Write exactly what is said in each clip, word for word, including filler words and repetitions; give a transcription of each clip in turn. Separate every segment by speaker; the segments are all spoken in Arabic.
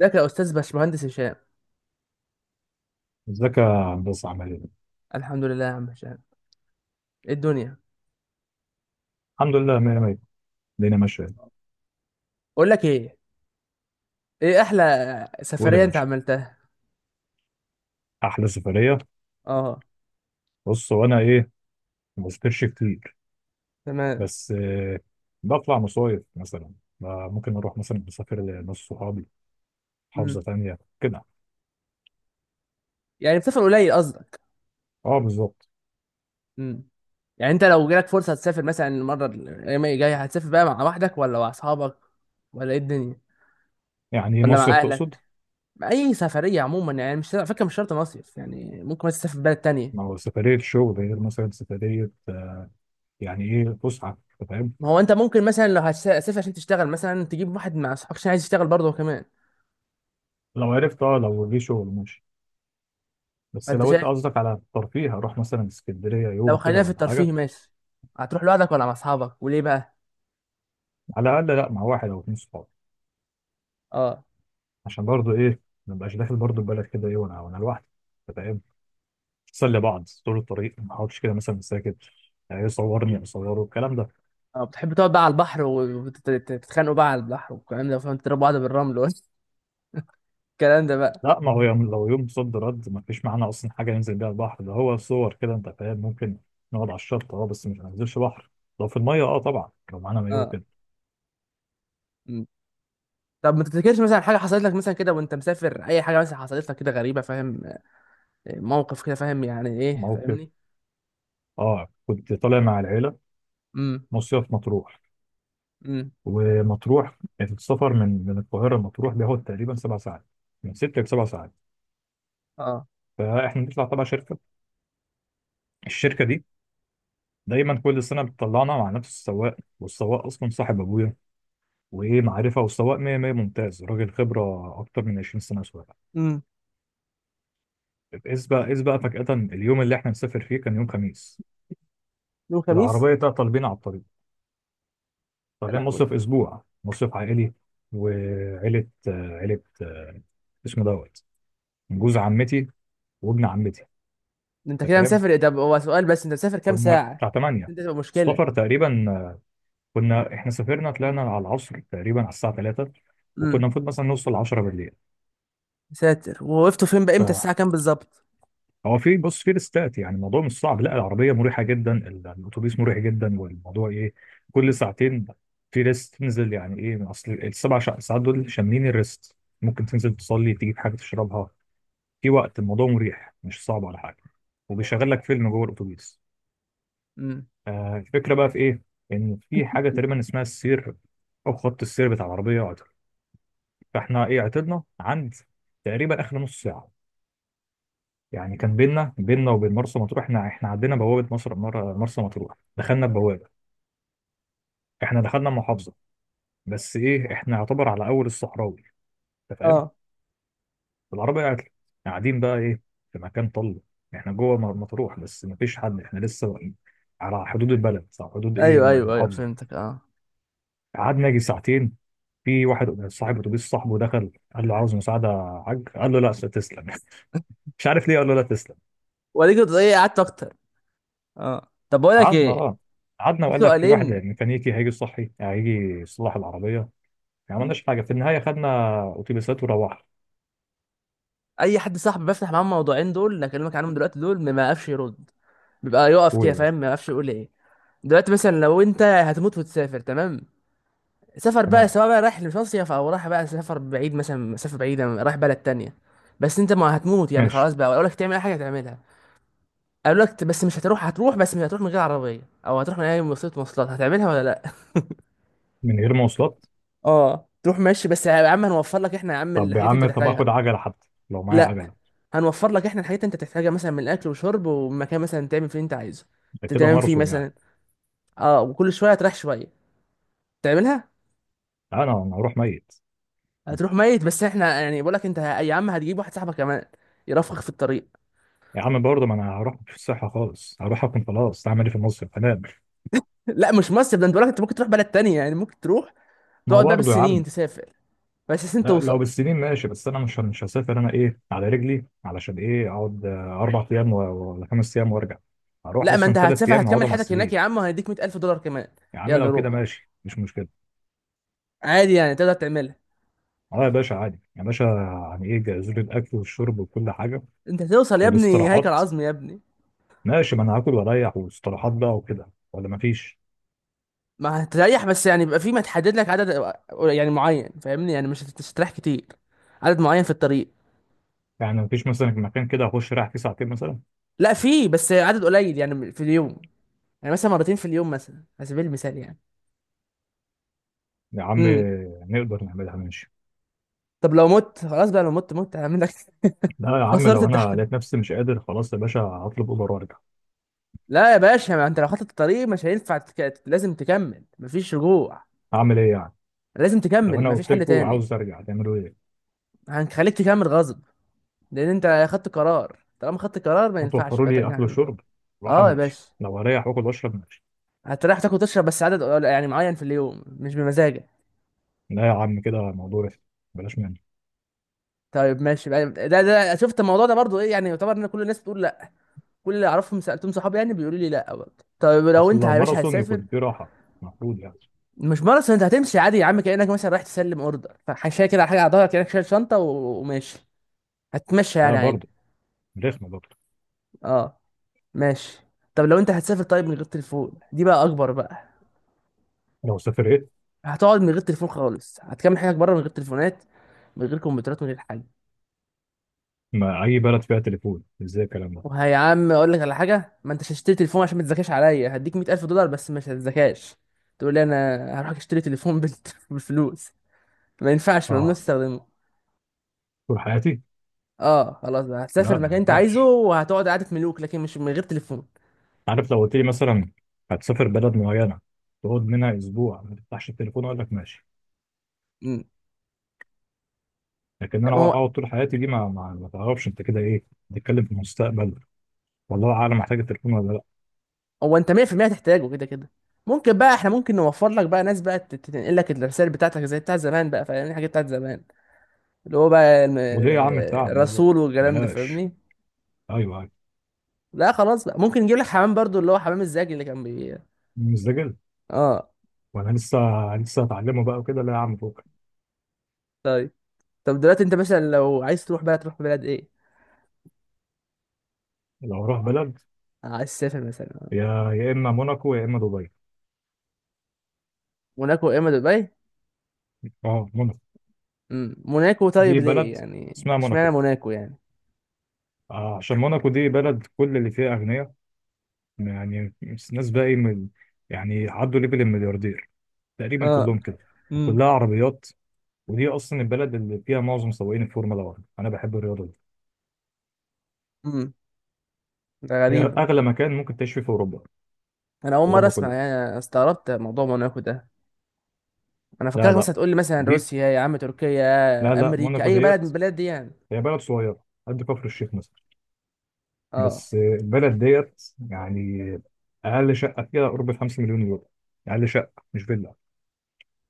Speaker 1: ازيك يا استاذ باشمهندس هشام.
Speaker 2: ازيك يا هندسه، عامل ايه؟
Speaker 1: الحمد لله يا عم هشام، ايه الدنيا؟
Speaker 2: الحمد لله، ميه ميه. الدنيا ماشيه.
Speaker 1: اقول لك ايه، ايه احلى
Speaker 2: وايه ده يا
Speaker 1: سفريه انت
Speaker 2: باشا،
Speaker 1: عملتها؟
Speaker 2: احلى سفريه؟
Speaker 1: اه،
Speaker 2: بص، وانا ايه، ما بسافرش كتير،
Speaker 1: تمام.
Speaker 2: بس آه، بطلع مصايف مثلا. آه، ممكن اروح مثلا مسافر لناس صحابي،
Speaker 1: امم
Speaker 2: محافظه تانيه كده.
Speaker 1: يعني بتسافر قليل قصدك؟
Speaker 2: اه، بالظبط.
Speaker 1: امم يعني انت لو جالك فرصه تسافر مثلا المره الايام الجايه هتسافر بقى مع وحدك ولا مع اصحابك ولا ايه الدنيا
Speaker 2: يعني ايه
Speaker 1: ولا
Speaker 2: مصيف
Speaker 1: مع اهلك،
Speaker 2: تقصد؟
Speaker 1: مع اي سفريه عموما؟ يعني مش على فكره مش شرط مصيف، يعني ممكن مثلا تسافر بلد تانية.
Speaker 2: ما هو سفريه شغل غير مثلا سفريه آه، يعني ايه فسحه، أنت فاهم؟
Speaker 1: ما هو انت ممكن مثلا لو هتسافر عشان تشتغل مثلا تجيب واحد مع اصحابك عشان عايز يشتغل برضه هو كمان.
Speaker 2: لو عرفت، اه لو جه شغل ماشي. بس
Speaker 1: فانت
Speaker 2: لو انت
Speaker 1: شايف
Speaker 2: قصدك على الترفيه، هروح مثلا اسكندريه
Speaker 1: لو
Speaker 2: يوم كده
Speaker 1: خلينا في
Speaker 2: ولا حاجه.
Speaker 1: الترفيه ماشي، هتروح لوحدك ولا مع اصحابك وليه بقى؟
Speaker 2: على الاقل لا، مع واحد او اتنين صحاب.
Speaker 1: اه.
Speaker 2: عشان برضو ايه، ما بقاش داخل برضو البلد كده ايه وانا وانا لوحدي. أنت فاهم؟ نسلي بعض طول الطريق، ما اقعدش كده مثلا ساكت. يعني يصورني، اصوره الكلام ده.
Speaker 1: اه، بتحب تقعد بقى على البحر وتتخانقوا بقى على البحر والكلام ده، فاهم؟ تضربوا بعض بالرمل والكلام ده بقى.
Speaker 2: لا، ما هو يوم، لو يوم صد رد، ما فيش معانا اصلا حاجه ننزل بيها البحر. ده هو صور كده انت فاهم. ممكن نقعد على الشط، اه، بس مش هننزلش بحر. لو في الميه، اه، طبعا لو معانا مايو
Speaker 1: اه.
Speaker 2: كده.
Speaker 1: مم. طب ما تفتكرش مثلا حاجه حصلت لك مثلا كده وانت مسافر، اي حاجه مثلا حصلت لك كده غريبه، فاهم؟ آه، موقف كده، فاهم يعني ايه
Speaker 2: موقف،
Speaker 1: فاهمني؟
Speaker 2: اه، كنت طالع مع العيله،
Speaker 1: امم
Speaker 2: مصيف مطروح.
Speaker 1: امم
Speaker 2: ومطروح السفر من من القاهره لمطروح بياخد تقريبا سبع ساعات، من ست لسبع ساعات.
Speaker 1: اه.
Speaker 2: فاحنا بنطلع تبع شركه، الشركه دي دايما كل سنه بتطلعنا مع نفس السواق، والسواق اصلا صاحب ابويا وايه معرفه. والسواق ميه ميه، ممتاز، راجل خبره اكتر من عشرين سنه سواقه.
Speaker 1: امم
Speaker 2: اذ بقى اذ بقى فجاه، اليوم اللي احنا نسافر فيه كان يوم خميس،
Speaker 1: يوم خميس.
Speaker 2: العربيه تعطل بينا على الطريق.
Speaker 1: يا
Speaker 2: طالعين
Speaker 1: لهوي.
Speaker 2: مصيف، اسبوع مصيف عائلي. وعيله آه، عيله آه، اسمه دوت،
Speaker 1: مم.
Speaker 2: جوز عمتي وابن عمتي،
Speaker 1: انت
Speaker 2: انت
Speaker 1: كده
Speaker 2: فاهم.
Speaker 1: مسافر إيه؟ طب هو سؤال بس، انت مسافر كام
Speaker 2: كنا
Speaker 1: ساعه؟
Speaker 2: بتاع تمن،
Speaker 1: انت تبقى
Speaker 2: السفر
Speaker 1: مشكله.
Speaker 2: تقريبا، آه، كنا احنا سافرنا، طلعنا على العصر تقريبا على الساعه تلاتة، وكنا
Speaker 1: امم
Speaker 2: المفروض مثلا نوصل عشرة بالليل.
Speaker 1: ساتر، ووقفتوا فين بقى؟ امتى
Speaker 2: ف-
Speaker 1: الساعه كام بالظبط؟
Speaker 2: هو في، بص، في ريستات، يعني الموضوع مش صعب. لا، العربيه مريحه جدا، ال- الاتوبيس مريح جدا، والموضوع ايه، كل ساعتين في ريست تنزل. يعني ايه، من اصل السبع شع- ساعات دول شاملين الريست. ممكن تنزل تصلي، تجيب حاجه تشربها، في وقت، الموضوع مريح، مش صعب ولا حاجه، وبيشغل لك فيلم جوه الاتوبيس.
Speaker 1: امم
Speaker 2: آه الفكره بقى في ايه، ان في حاجه تقريبا اسمها السير او خط السير بتاع العربيه عطل. فاحنا ايه، عطلنا عند تقريبا اخر نص ساعه. يعني كان بينا بينا وبين مرسى مطروح، احنا احنا عدينا بوابه مصر مر- مرسى مطروح، دخلنا البوابه، احنا دخلنا المحافظه، بس ايه، احنا يعتبر على اول الصحراوي، انت فاهم.
Speaker 1: اه.
Speaker 2: العربيه قاعد- قاعدين بقى ايه، في مكان طل. احنا جوه مر- مطروح بس مفيش حد، احنا لسه واقفين على حدود البلد، على حدود ايه،
Speaker 1: ايوه ايوه ايوه،
Speaker 2: المحافظه.
Speaker 1: فهمتك. اه،
Speaker 2: قعدنا يجي ساعتين. في واحد صاحب اتوبيس صاحبه دخل قال له عاوز مساعده يا حاج، قال له لا، تسلم. مش عارف ليه قال له لا تسلم.
Speaker 1: وليك كنت ايه قعدت اكتر؟ اه، طب بقول لك
Speaker 2: قعدنا
Speaker 1: ايه،
Speaker 2: اه قعدنا
Speaker 1: في
Speaker 2: وقال لك في واحد
Speaker 1: سؤالين.
Speaker 2: ميكانيكي هيجي يصحي، يعني هيجي يصلح العربيه يعني. ما عملناش حاجه، في النهايه خدنا اتوبيسات وروحنا.
Speaker 1: اي حد صاحبي بفتح معاه الموضوعين دول اللي اكلمك عنهم دلوقتي دول ما يعرفش يرد، بيبقى يقف
Speaker 2: هو
Speaker 1: كده
Speaker 2: يا
Speaker 1: فاهم،
Speaker 2: باشا،
Speaker 1: ما يعرفش يقول ايه. دلوقتي مثلا لو انت هتموت وتسافر تمام، سفر بقى
Speaker 2: تمام،
Speaker 1: سواء بقى رايح لمصيف او رايح بقى سفر بعيد مثلا، مسافه بعيده رايح بلد تانية. بس انت ما هتموت يعني
Speaker 2: ماشي،
Speaker 1: خلاص، بقى اقول لك تعمل اي حاجه هتعملها. اقول لك بس مش هتروح، هتروح بس مش هتروح من غير عربيه، او هتروح من اي وسيله مواصلات هتعملها ولا لا؟
Speaker 2: من غير مواصلات؟
Speaker 1: اه تروح ماشي، بس يا عم هنوفر لك احنا يا عم
Speaker 2: طب يا
Speaker 1: الحاجات اللي انت
Speaker 2: عم، طب اخد
Speaker 1: تحتاجها.
Speaker 2: عجله حتى، لو معايا
Speaker 1: لا.
Speaker 2: عجله.
Speaker 1: هنوفر لك احنا الحاجات اللي انت تحتاجها، مثلا من الاكل وشرب ومكان مثلا تعمل فيه اللي انت عايزه،
Speaker 2: ده كده
Speaker 1: تنام فيه
Speaker 2: ماراثون يعني.
Speaker 1: مثلا. اه، وكل شويه هتريح شويه تعملها.
Speaker 2: انا انا هروح ميت.
Speaker 1: هتروح ميت بس احنا يعني بقول لك انت ه- يا عم هتجيب واحد صاحبك كمان يرافقك في الطريق.
Speaker 2: يا عم برضه، ما انا هروح في الصحه خالص، هروح اكون خلاص، هعمل ايه في المصيف، هنام.
Speaker 1: لا مش مصر ده، انت بقول لك انت ممكن تروح بلد تانية، يعني ممكن تروح
Speaker 2: ما
Speaker 1: تقعد بقى
Speaker 2: برضه يا
Speaker 1: بالسنين
Speaker 2: عم،
Speaker 1: تسافر بس عشان
Speaker 2: لا لو
Speaker 1: توصل.
Speaker 2: بالسنين ماشي، بس انا مش مش هسافر انا ايه على رجلي، علشان ايه اقعد آه، اربع ايام و- ولا خمس ايام وارجع؟ هروح
Speaker 1: لا ما
Speaker 2: اصلا
Speaker 1: انت
Speaker 2: ثلاث
Speaker 1: هتسافر
Speaker 2: ايام
Speaker 1: هتكمل
Speaker 2: هقعدهم على
Speaker 1: حياتك هناك يا
Speaker 2: السرير.
Speaker 1: عم، وهيديك مية الف دولار كمان.
Speaker 2: يا عم
Speaker 1: يلا
Speaker 2: لو كده
Speaker 1: روح،
Speaker 2: ماشي، مش مشكله.
Speaker 1: عادي يعني تقدر تعملها.
Speaker 2: اه يا باشا، عادي يا باشا، يعني ايه، جهزوا لي الاكل والشرب وكل حاجه
Speaker 1: انت هتوصل يا ابني هيكل
Speaker 2: والاستراحات،
Speaker 1: عظمي يا ابني.
Speaker 2: ماشي، ما انا هاكل واريح واستراحات بقى وكده، ولا مفيش؟
Speaker 1: ما هتريح بس يعني بيبقى في ما تحدد لك عدد، يعني معين فاهمني، يعني مش هت- مش هتريح كتير، عدد معين في الطريق.
Speaker 2: يعني مفيش مثلا مكان كده اخش رايح فيه ساعتين مثلا؟
Speaker 1: لا في بس عدد قليل يعني في اليوم، يعني مثلا مرتين في اليوم مثلا على سبيل المثال يعني.
Speaker 2: يا عم
Speaker 1: امم
Speaker 2: نقدر نعملها، ماشي.
Speaker 1: طب لو مت خلاص بقى، لو مت مت هعمل لك.
Speaker 2: لا يا عم،
Speaker 1: خسرت
Speaker 2: لو انا
Speaker 1: التحدي.
Speaker 2: لقيت نفسي مش قادر خلاص يا باشا هطلب اوبر وارجع.
Speaker 1: لا يا باشا، ما انت لو خطت الطريق مش هينفع تك... لازم تكمل مفيش رجوع.
Speaker 2: اعمل ايه يعني،
Speaker 1: لازم
Speaker 2: لو
Speaker 1: تكمل
Speaker 2: انا
Speaker 1: مفيش
Speaker 2: قلت
Speaker 1: حل
Speaker 2: لكم
Speaker 1: تاني.
Speaker 2: عاوز ارجع تعملوا ايه؟
Speaker 1: هنخليك تكمل غصب، لان انت خدت قرار، طالما خدت قرار ما ينفعش
Speaker 2: هتوفروا
Speaker 1: بقى
Speaker 2: لي
Speaker 1: ترجع
Speaker 2: اكل
Speaker 1: عنه.
Speaker 2: وشرب، راحه،
Speaker 1: اه يا
Speaker 2: ماشي،
Speaker 1: باشا،
Speaker 2: لو هريح واكل واشرب ماشي.
Speaker 1: هتريح تاكل وتشرب بس عدد قل- يعني معين في اليوم مش بمزاجك.
Speaker 2: لا يا عم، كده الموضوع رخم، بلاش منه.
Speaker 1: طيب ماشي بقى، ده ده شفت الموضوع ده برضو ايه يعني، يعتبر ان كل الناس بتقول لا، كل اللي اعرفهم سالتهم صحابي يعني بيقولوا لي لا برضه. طيب لو
Speaker 2: اصل
Speaker 1: انت
Speaker 2: لو
Speaker 1: يا باشا
Speaker 2: ماراثون
Speaker 1: هتسافر،
Speaker 2: يكون فيه راحه، المفروض يعني.
Speaker 1: مش ماراثون، انت هتمشي عادي يا عم، كانك مثلا رايح تسلم اوردر فحاشيه كده على حاجه على ظهرك، كانك شايل شنطه و- وماشي، هتمشي يعني
Speaker 2: لا
Speaker 1: عادي.
Speaker 2: برضه، رخمه برضه.
Speaker 1: اه ماشي. طب لو انت هتسافر، طيب من غير تليفون دي بقى اكبر بقى.
Speaker 2: لو سافرت،
Speaker 1: هتقعد من غير تليفون خالص، هتكمل حياتك بره من غير تليفونات، من غير كمبيوترات، من غير حاجه.
Speaker 2: ما اي بلد فيها تليفون، ازاي الكلام ده؟
Speaker 1: وهي يا عم اقول لك على حاجه، ما انتش هتشتري تليفون، عشان ما تذاكرش عليا هديك مية الف دولار بس مش هتذاكاش. تقول لي انا هروح اشتري تليفون بال- بالفلوس، ما ينفعش، ممنوع
Speaker 2: اه،
Speaker 1: تستخدمه.
Speaker 2: طول حياتي؟
Speaker 1: اه خلاص بقى، هتسافر
Speaker 2: لا، ما
Speaker 1: مكان انت عايزه
Speaker 2: ينفعش.
Speaker 1: وهتقعد قعده ملوك، لكن مش من غير تليفون.
Speaker 2: عارف، لو قلت لي مثلا هتسافر بلد معينه، تقعد منها اسبوع ما تفتحش التليفون، اقول لك ماشي.
Speaker 1: امم
Speaker 2: لكن
Speaker 1: لا
Speaker 2: انا
Speaker 1: ما هو
Speaker 2: اقعد طول حياتي دي، ما ما, ما تعرفش انت كده ايه، بتتكلم في المستقبل، والله اعلم محتاج التليفون ولا.
Speaker 1: هو انت مية في المية هتحتاجه كده كده. ممكن بقى احنا ممكن نوفر لك بقى ناس بقى تت- تنقل لك الرسائل بتاعتك زي بتاع زمان بقى، فاهم الحاجات بتاعت زمان، اللي هو بقى الم-
Speaker 2: وليه يا عم التعب، لا لا،
Speaker 1: الرسول والكلام ده
Speaker 2: بلاش.
Speaker 1: فاهمني.
Speaker 2: ايوه، ايوه،
Speaker 1: لا خلاص بقى، ممكن نجيب لك حمام برضو، اللي هو حمام الزاجي اللي كان بي.
Speaker 2: مزدجل.
Speaker 1: اه،
Speaker 2: وانا لسه لسه هتعلمه بقى وكده، لا يا عم فوق.
Speaker 1: طب دلوقتي انت مثلا لو عايز تروح بلد تروح بلد ايه؟
Speaker 2: لو اروح بلد،
Speaker 1: آه، عايز تسافر مثلا
Speaker 2: يا يا اما موناكو يا اما دبي.
Speaker 1: موناكو يا اما دبي؟
Speaker 2: اه، موناكو،
Speaker 1: امم موناكو، طيب
Speaker 2: دي
Speaker 1: ليه
Speaker 2: بلد
Speaker 1: يعني
Speaker 2: اسمها
Speaker 1: اشمعنى
Speaker 2: موناكو.
Speaker 1: موناكو يعني؟
Speaker 2: آه، عشان موناكو دي بلد كل اللي فيها اغنياء، يعني ناس بقى ايه، من يعني عدوا ليفل الملياردير تقريبا
Speaker 1: اه.
Speaker 2: كلهم كده.
Speaker 1: امم
Speaker 2: وكلها عربيات، ودي اصلا البلد اللي فيها معظم سواقين الفورمولا واحد، انا بحب الرياضه دي.
Speaker 1: امم ده
Speaker 2: هي
Speaker 1: غريبة،
Speaker 2: اغلى مكان ممكن تعيش فيه في اوروبا، في
Speaker 1: انا اول مرة
Speaker 2: اوروبا
Speaker 1: اسمع
Speaker 2: كلها.
Speaker 1: يعني، أنا استغربت موضوع موناكو ده. انا
Speaker 2: لا
Speaker 1: فكرك
Speaker 2: لا،
Speaker 1: مثلا تقول لي مثلا
Speaker 2: دي،
Speaker 1: روسيا يا عم، تركيا،
Speaker 2: لا
Speaker 1: يا
Speaker 2: لا،
Speaker 1: امريكا،
Speaker 2: موناكو
Speaker 1: اي بلد من
Speaker 2: ديت
Speaker 1: البلاد دي يعني.
Speaker 2: هي بلد صغيرة قد كفر الشيخ مثلا،
Speaker 1: اه،
Speaker 2: بس البلد ديت يعني أقل شقة فيها قرب الخمسة مليون يورو. أقل شقة، مش فيلا،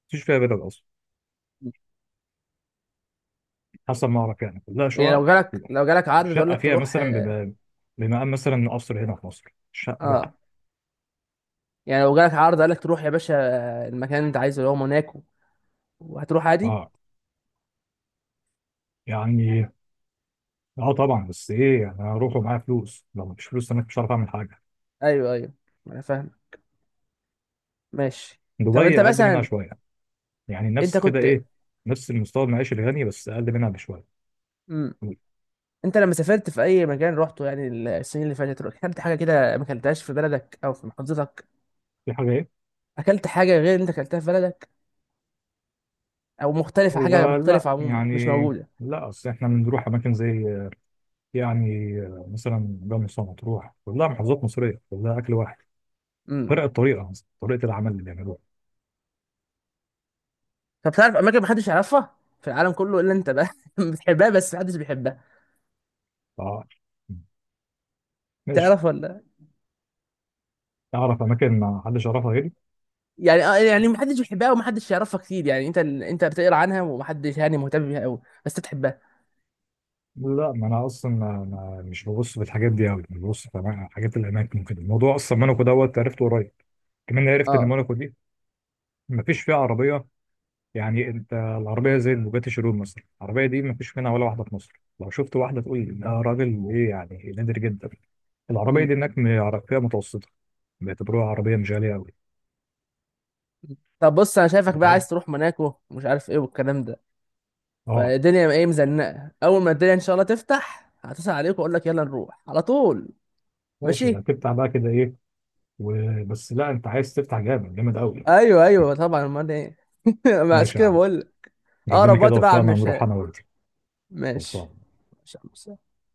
Speaker 2: مفيش فيها فيلا أصلا حسب ما أعرف، يعني كلها
Speaker 1: يعني
Speaker 2: شقق.
Speaker 1: لو جالك لو جالك عرض تقول
Speaker 2: شقة
Speaker 1: لك
Speaker 2: فيها
Speaker 1: تروح؟
Speaker 2: مثلا
Speaker 1: اه.
Speaker 2: بما- بمقام مثلا قصر هنا في مصر، شقة لوحدها.
Speaker 1: آه. يعني لو جالك عرض قال لك تروح يا باشا المكان اللي انت عايزه اللي هو موناكو، وهتروح عادي؟
Speaker 2: أه، يعني، أه طبعا، بس إيه يعني، أنا هروح ومعايا فلوس، لو مفيش فلوس أنا مش هعرف أعمل حاجة.
Speaker 1: ايوه ايوه، انا فاهم. ماشي. طب انت
Speaker 2: دبي أقل منها
Speaker 1: مثلا،
Speaker 2: شوية، يعني
Speaker 1: انت
Speaker 2: نفس كده
Speaker 1: كنت،
Speaker 2: إيه، نفس المستوى المعيشي الغني، بس أقل منها بشوية.
Speaker 1: مم. انت لما سافرت في اي مكان روحته يعني السنين اللي فاتت روح- اكلت حاجه كده ما اكلتهاش في بلدك او في محافظتك؟
Speaker 2: في حاجة،
Speaker 1: اكلت حاجه غير اللي انت اكلتها في بلدك، او مختلفه، حاجه
Speaker 2: هو لا
Speaker 1: مختلفه عموما مش
Speaker 2: يعني،
Speaker 1: موجوده.
Speaker 2: لا اصل احنا بنروح اماكن زي يعني مثلا جمصة، مطروح، كلها محافظات مصريه، كلها اكل واحد.
Speaker 1: امم
Speaker 2: فرق الطريقه، مثلا طريقه العمل اللي بيعملوها.
Speaker 1: طب تعرف اماكن ما حدش يعرفها في العالم كله الا انت بقى بتحبها بس ما حدش بيحبها،
Speaker 2: اه، ماشي.
Speaker 1: تعرف ولا؟
Speaker 2: اعرف اماكن ما حدش يعرفها غيري.
Speaker 1: يعني اه، يعني ما حدش بيحبها وما حدش يعرفها كتير، يعني انت ال... انت بتقرا عنها وما حدش يعني مهتم بيها قوي، بس انت بتحبها.
Speaker 2: لا، ما انا اصلا ما ما- مش ببص في الحاجات دي قوي، انا ببص في أما- حاجات الاماكن كده. الموضوع اصلا موناكو دوت عرفته قريب كمان. عرفت ان
Speaker 1: اه.
Speaker 2: موناكو دي ما فيش فيها عربيه، يعني انت العربيه زي البوجاتي شيرون مثلا، العربيه دي ما فيش منها ولا واحده في مصر، لو شفت واحده تقول ده راجل ايه، يعني نادر جدا. العربيه
Speaker 1: امم
Speaker 2: دي هناك م- فئه متوسطه، بيعتبروها عربيه مش غاليه قوي.
Speaker 1: طب بص، انا شايفك بقى
Speaker 2: فاهم،
Speaker 1: عايز تروح موناكو ومش عارف ايه والكلام ده،
Speaker 2: اه
Speaker 1: فالدنيا ايه مزنقه، اول ما الدنيا ان شاء الله تفتح هتصل عليك واقول لك يلا نروح على طول.
Speaker 2: ماشي، يعني
Speaker 1: ماشي.
Speaker 2: تفتح بقى كده ايه؟ وبس، لا انت عايز تفتح جامد جامد قوي.
Speaker 1: ايوه ايوه طبعا، امال ايه؟ ما عشان
Speaker 2: ماشي يا
Speaker 1: كده
Speaker 2: عم،
Speaker 1: بقول لك.
Speaker 2: ربنا
Speaker 1: اقرب
Speaker 2: كده
Speaker 1: وقت بقى على
Speaker 2: وفقنا ونروح
Speaker 1: المشاء.
Speaker 2: انا وانت.
Speaker 1: ماشي.
Speaker 2: خلصان.
Speaker 1: ماشي يا عم هشام.